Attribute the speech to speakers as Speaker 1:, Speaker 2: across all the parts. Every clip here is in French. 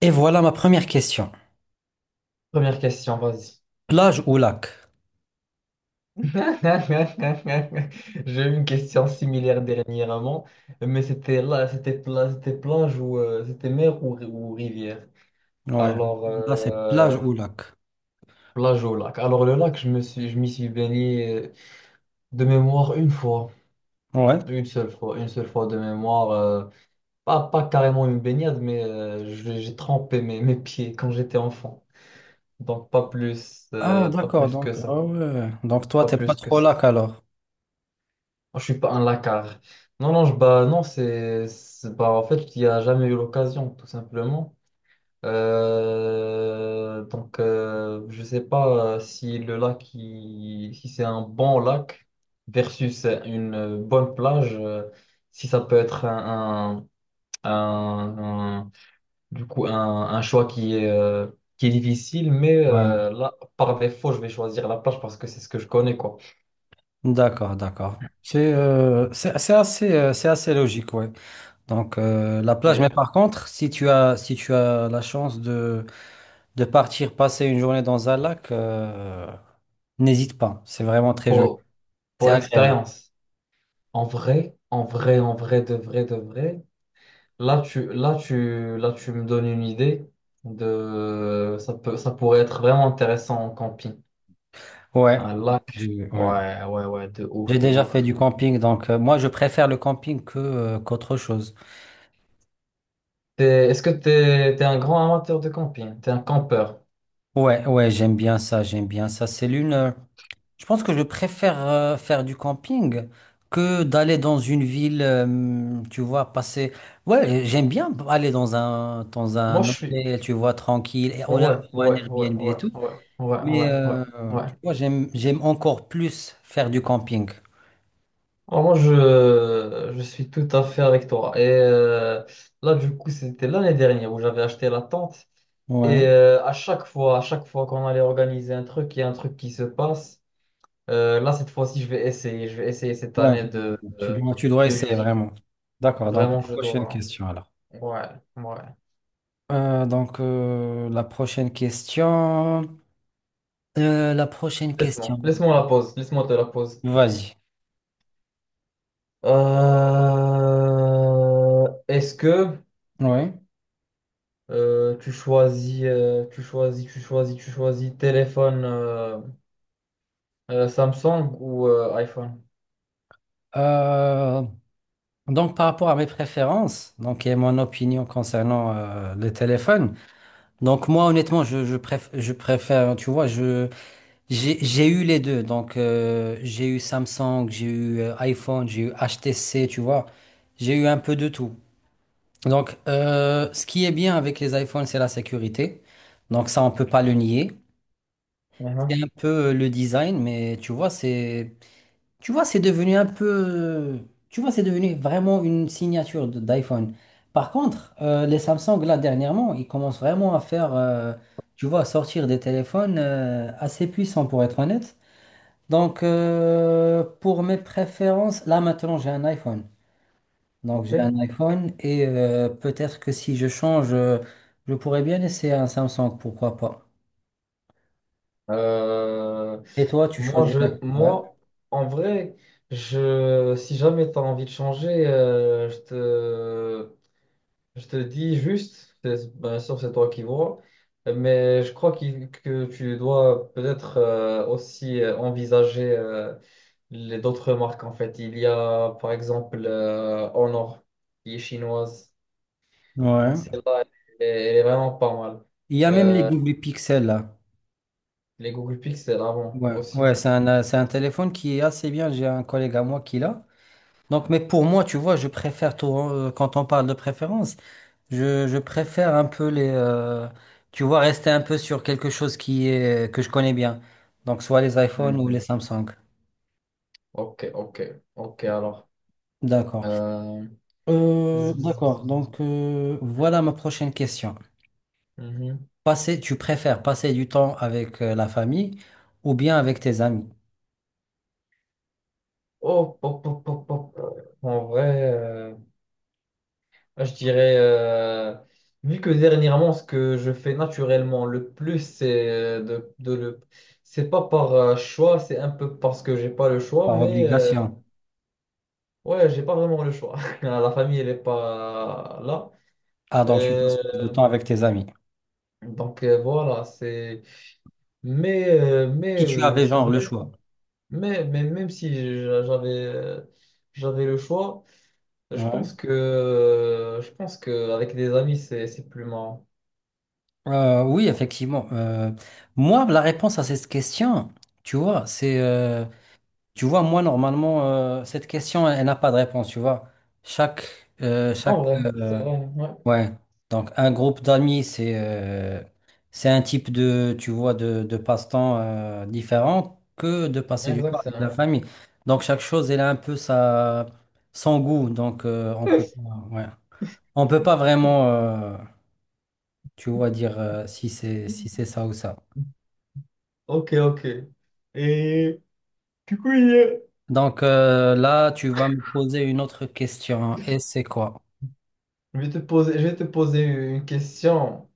Speaker 1: Et voilà ma première question.
Speaker 2: Première question, vas-y.
Speaker 1: Plage ou lac?
Speaker 2: J'ai eu une question similaire dernièrement, mais c'était plage ou c'était mer ou rivière.
Speaker 1: Ouais,
Speaker 2: Alors
Speaker 1: là c'est plage
Speaker 2: euh,
Speaker 1: ou lac.
Speaker 2: plage au lac. Alors le lac, je m'y suis baigné de mémoire une fois,
Speaker 1: Ouais.
Speaker 2: une seule fois de mémoire. Pas carrément une baignade, mais j'ai trempé mes pieds quand j'étais enfant. Donc pas plus,
Speaker 1: Ah d'accord, donc ah ouais. Donc toi
Speaker 2: pas
Speaker 1: t'es pas
Speaker 2: plus que
Speaker 1: trop
Speaker 2: ça.
Speaker 1: lac alors.
Speaker 2: Moi, je suis pas un lacard. Non, non, bah, non, bah, en fait, il n'y a jamais eu l'occasion, tout simplement. Je sais pas si le lac, si c'est un bon lac versus une bonne plage, si ça peut être un- un- un- du coup, un choix qui est difficile, mais
Speaker 1: Ouais.
Speaker 2: là, par défaut, je vais choisir la plage parce que c'est ce que je connais, quoi.
Speaker 1: D'accord, d'accord. C'est assez c'est assez logique, ouais. Donc la plage, mais
Speaker 2: Et
Speaker 1: par contre, si tu as la chance de partir passer une journée dans un lac, n'hésite pas. C'est vraiment très joli.
Speaker 2: Pour, pour
Speaker 1: C'est agréable.
Speaker 2: l'expérience. En vrai, de vrai, de vrai. Là, tu me donnes une idée de. Ça pourrait être vraiment intéressant en camping.
Speaker 1: Ouais.
Speaker 2: Un lac.
Speaker 1: Ouais.
Speaker 2: Ouais, ouais, ouais, de ouf,
Speaker 1: J'ai
Speaker 2: de
Speaker 1: déjà fait
Speaker 2: ouf.
Speaker 1: du camping, donc moi je préfère le camping que qu'autre chose.
Speaker 2: Est-ce que t'es un grand amateur de camping? T'es un campeur?
Speaker 1: Ouais, ouais, j'aime bien ça, j'aime bien ça. C'est l'une. Je pense que je préfère faire du camping que d'aller dans une ville, tu vois, passer. Ouais, j'aime bien aller dans un
Speaker 2: Moi, je suis.
Speaker 1: hôtel, tu vois, tranquille, et
Speaker 2: Ouais,
Speaker 1: on a ou un
Speaker 2: ouais, ouais,
Speaker 1: Airbnb et
Speaker 2: ouais,
Speaker 1: tout.
Speaker 2: ouais, ouais,
Speaker 1: Mais
Speaker 2: ouais, ouais, ouais.
Speaker 1: tu vois, j'aime encore plus faire du camping.
Speaker 2: Alors, moi, je suis tout à fait avec toi. Et là, du coup, c'était l'année dernière où j'avais acheté la tente.
Speaker 1: Ouais,
Speaker 2: Et à chaque fois qu'on allait organiser un truc, il y a un truc qui se passe. Là, cette fois-ci, je vais essayer. Je vais essayer cette
Speaker 1: ouais.
Speaker 2: année
Speaker 1: Tu dois
Speaker 2: de
Speaker 1: essayer
Speaker 2: l'utiliser.
Speaker 1: vraiment. D'accord. Donc
Speaker 2: Vraiment, je
Speaker 1: prochaine
Speaker 2: dois.
Speaker 1: question alors.
Speaker 2: Hein. Ouais, ouais.
Speaker 1: Euh, donc, euh, la prochaine question. La prochaine
Speaker 2: Laisse-moi,
Speaker 1: question.
Speaker 2: laisse-moi la pause. Laisse-moi te la pause.
Speaker 1: Vas-y.
Speaker 2: Est-ce que
Speaker 1: Oui.
Speaker 2: tu choisis téléphone. Samsung ou iPhone?
Speaker 1: Euh, Par rapport à mes préférences, donc, et mon opinion concernant les téléphones. Donc, moi, honnêtement, je préfère, tu vois, j'ai, eu les deux. Donc, j'ai eu Samsung, j'ai eu iPhone, j'ai eu HTC, tu vois. J'ai eu un peu de tout. Donc, ce qui est bien avec les iPhones, c'est la sécurité. Donc, ça, on peut pas le nier.
Speaker 2: Mhm.
Speaker 1: C'est un peu le design, mais tu vois, c'est devenu un peu, tu vois, c'est devenu vraiment une signature d'iPhone. Par contre, les Samsung, là, dernièrement, ils commencent vraiment à faire, tu vois, à sortir des téléphones assez puissants, pour être honnête. Donc, pour mes préférences, là, maintenant, j'ai un iPhone. Donc, j'ai un
Speaker 2: Ok.
Speaker 1: iPhone et peut-être que si je change, je pourrais bien essayer un Samsung, pourquoi pas.
Speaker 2: Euh,
Speaker 1: Et toi, tu choisirais quoi? Ouais.
Speaker 2: moi, en vrai, si jamais tu as envie de changer, je te dis juste, bien sûr, c'est toi qui vois, mais je crois que tu dois peut-être aussi envisager les d'autres marques en fait. Il y a par exemple Honor qui est chinoise.
Speaker 1: Ouais.
Speaker 2: Celle-là, elle est vraiment pas mal.
Speaker 1: Il y a même les
Speaker 2: Euh,
Speaker 1: double pixels là.
Speaker 2: Les Google Pixel avant
Speaker 1: Ouais,
Speaker 2: aussi.
Speaker 1: ouais, c'est un téléphone qui est assez bien. J'ai un collègue à moi qui l'a. Donc, mais pour moi, tu vois, je préfère tout, quand on parle de préférence, je préfère un peu les, tu vois, rester un peu sur quelque chose qui est, que je connais bien. Donc, soit les iPhones ou les
Speaker 2: Mhm.
Speaker 1: Samsung.
Speaker 2: Ok, ok, ok, alors.
Speaker 1: D'accord.
Speaker 2: Euh, zzz, zzz,
Speaker 1: D'accord.
Speaker 2: zzz.
Speaker 1: Donc, voilà ma prochaine question.
Speaker 2: Mhm.
Speaker 1: Passer, tu préfères passer du temps avec la famille ou bien avec tes amis?
Speaker 2: Oh, pop, pop, pop, pop. En vrai, je dirais, vu que dernièrement, ce que je fais naturellement le plus, c'est de le. C'est pas par choix, c'est un peu parce que j'ai pas le choix,
Speaker 1: Par
Speaker 2: mais
Speaker 1: obligation.
Speaker 2: ouais, j'ai pas vraiment le choix. La famille, elle est pas là.
Speaker 1: Ah, donc tu passes
Speaker 2: Euh,
Speaker 1: plus de temps avec tes amis.
Speaker 2: voilà, c'est. Mais, euh, mais,
Speaker 1: Si tu
Speaker 2: euh,
Speaker 1: avais genre le choix.
Speaker 2: Mais même si j'a- j'avais le choix,
Speaker 1: Ouais.
Speaker 2: je pense que avec des amis c'est plus marrant.
Speaker 1: Oui, effectivement. Moi, la réponse à cette question, tu vois, c'est, tu vois, moi, normalement, cette question, elle n'a pas de réponse, tu vois. Chaque, euh,
Speaker 2: En
Speaker 1: chaque,
Speaker 2: vrai, c'est
Speaker 1: euh,
Speaker 2: vrai, ouais.
Speaker 1: ouais. Donc, un groupe d'amis, c'est un type de, tu vois, de passe-temps, différent que de
Speaker 2: Ouais,
Speaker 1: passer du temps
Speaker 2: exact, c'est
Speaker 1: avec
Speaker 2: vrai.
Speaker 1: la famille. Donc, chaque chose, elle a un peu sa, son goût. Donc, on peut, ouais. On peut pas vraiment, tu vois, dire si c'est ça ou ça.
Speaker 2: Ok, ok. Et du coup,
Speaker 1: Donc là, tu vas me poser une autre question. Et c'est quoi?
Speaker 2: je vais te poser, je vais te poser une question.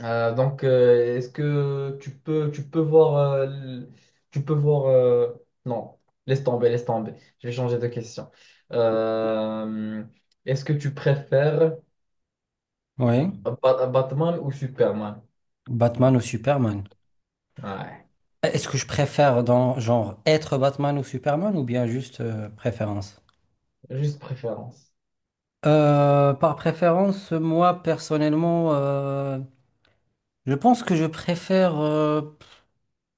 Speaker 2: Est-ce que tu peux voir, l- tu peux voir, non, laisse tomber, laisse tomber. Je vais changer de question. Euh, est-ce que tu préfères
Speaker 1: Oui,
Speaker 2: Batman ou Superman?
Speaker 1: Batman ou Superman?
Speaker 2: Ouais,
Speaker 1: Est-ce que je préfère dans genre être Batman ou Superman ou bien juste préférence?
Speaker 2: juste préférence.
Speaker 1: Par préférence, moi personnellement, je pense que je préfère, euh,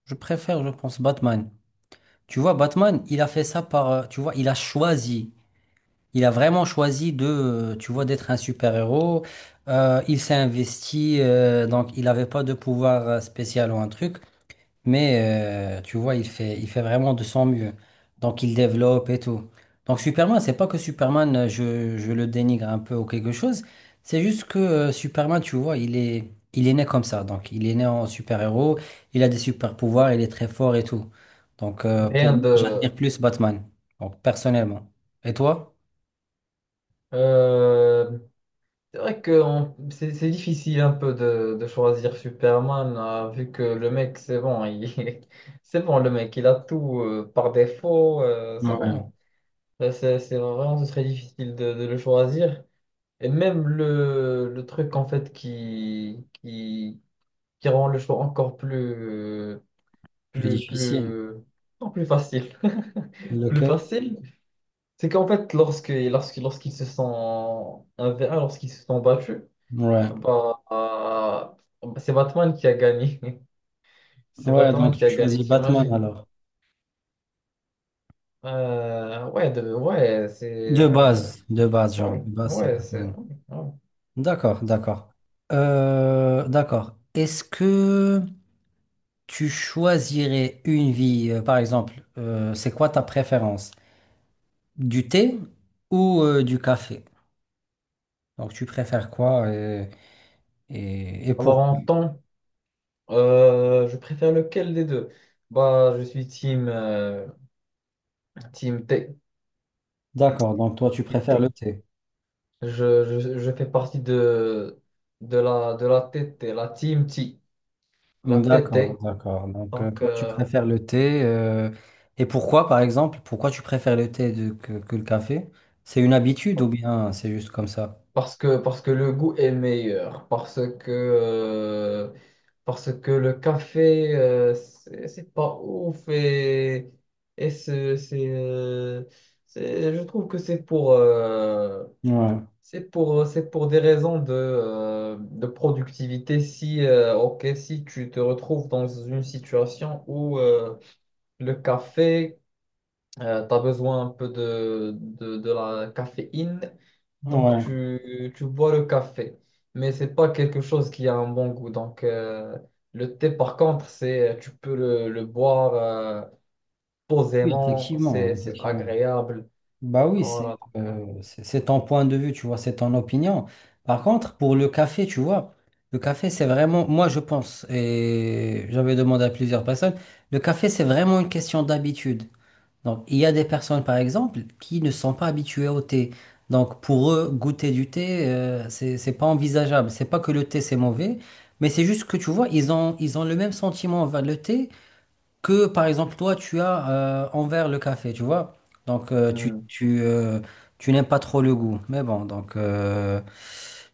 Speaker 1: je préfère, je pense Batman. Tu vois, Batman, il a fait ça par, tu vois, il a choisi. Il a vraiment choisi de, tu vois, d'être un super-héros. Il s'est investi, donc il n'avait pas de pouvoir spécial ou un truc, mais tu vois, il fait vraiment de son mieux. Donc il développe et tout. Donc Superman, c'est pas que Superman, je le dénigre un peu ou quelque chose. C'est juste que Superman, tu vois, il est né comme ça. Donc il est né en super-héros, il a des super-pouvoirs, il est très fort et tout. Donc pour
Speaker 2: Rien
Speaker 1: moi, j'admire
Speaker 2: de.
Speaker 1: plus Batman, donc personnellement. Et toi?
Speaker 2: Euh, c'est vrai que c'est difficile un peu de choisir Superman, vu que le mec, c'est bon, il... c'est bon, le mec, il a tout par défaut, c'est
Speaker 1: Ouais.
Speaker 2: bon. C'est vraiment ce serait difficile de le choisir. Et même le truc, en fait, qui rend le choix encore plus.
Speaker 1: Plus
Speaker 2: Plus,
Speaker 1: difficile.
Speaker 2: plus, non, plus facile. Plus
Speaker 1: Lequel?
Speaker 2: facile, c'est qu'en fait, lorsqu'ils se sont 1v1, lorsqu'ils se sont battus,
Speaker 1: Ouais.
Speaker 2: bah, c'est Batman qui a gagné. C'est
Speaker 1: Ouais,
Speaker 2: Batman
Speaker 1: donc
Speaker 2: qui
Speaker 1: tu
Speaker 2: a gagné,
Speaker 1: choisis Batman
Speaker 2: t'imagines?
Speaker 1: alors.
Speaker 2: Ouais, c'est.
Speaker 1: De base, genre, de base, c'est
Speaker 2: Ouais, c'est.
Speaker 1: Batman.
Speaker 2: Ouais, ouais.
Speaker 1: D'accord, d'accord. D'accord. Est-ce que tu choisirais une vie, par exemple, c'est quoi ta préférence? Du thé ou du café? Donc, tu préfères quoi et, et
Speaker 2: Alors,
Speaker 1: pourquoi?
Speaker 2: en temps, je préfère lequel des deux? Bah, je suis team
Speaker 1: D'accord, donc toi, tu préfères
Speaker 2: T-
Speaker 1: le thé.
Speaker 2: Je fais partie de la TT, la Team T, la
Speaker 1: Mmh, d'accord,
Speaker 2: TT.
Speaker 1: d'accord. Donc,
Speaker 2: Donc,
Speaker 1: toi, tu
Speaker 2: euh,
Speaker 1: préfères le thé. Et pourquoi, par exemple, pourquoi tu préfères le thé que, le café? C'est une habitude ou bien c'est juste comme ça?
Speaker 2: parce que le goût est meilleur, parce que le café, c'est pas ouf et, et c'est, c'est, euh, je trouve que c'est pour,
Speaker 1: Ouais,
Speaker 2: c'est pour des raisons de productivité. Si, ok, si tu te retrouves dans une situation où, Le café, tu as besoin un peu de la caféine, donc
Speaker 1: ouais.
Speaker 2: tu bois le café, mais c'est pas quelque chose qui a un bon goût. Le thé, par contre, c'est tu peux le boire
Speaker 1: Oui,
Speaker 2: posément,
Speaker 1: effectivement,
Speaker 2: c'est
Speaker 1: effectivement.
Speaker 2: agréable.
Speaker 1: Bah oui,
Speaker 2: Voilà, donc,
Speaker 1: c'est ton point de vue, tu vois, c'est ton opinion. Par contre, pour le café, tu vois, le café, c'est vraiment, moi, je pense, et j'avais demandé à plusieurs personnes, le café, c'est vraiment une question d'habitude. Donc, il y a des personnes, par exemple, qui ne sont pas habituées au thé. Donc, pour eux, goûter du thé, c'est pas envisageable. C'est pas que le thé, c'est mauvais, mais c'est juste que, tu vois, ils ont le même sentiment envers le thé que, par exemple, toi, tu as envers le café, tu vois. Donc,
Speaker 2: euh, hmm,
Speaker 1: tu n'aimes pas trop le goût. Mais bon, donc,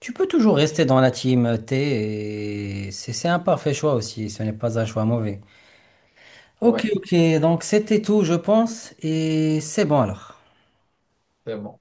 Speaker 1: tu peux toujours rester dans la team thé et c'est un parfait choix aussi. Ce n'est pas un choix mauvais.
Speaker 2: ouais,
Speaker 1: Ok, ok, donc c'était tout, je pense, et c'est bon alors.
Speaker 2: c'est bon.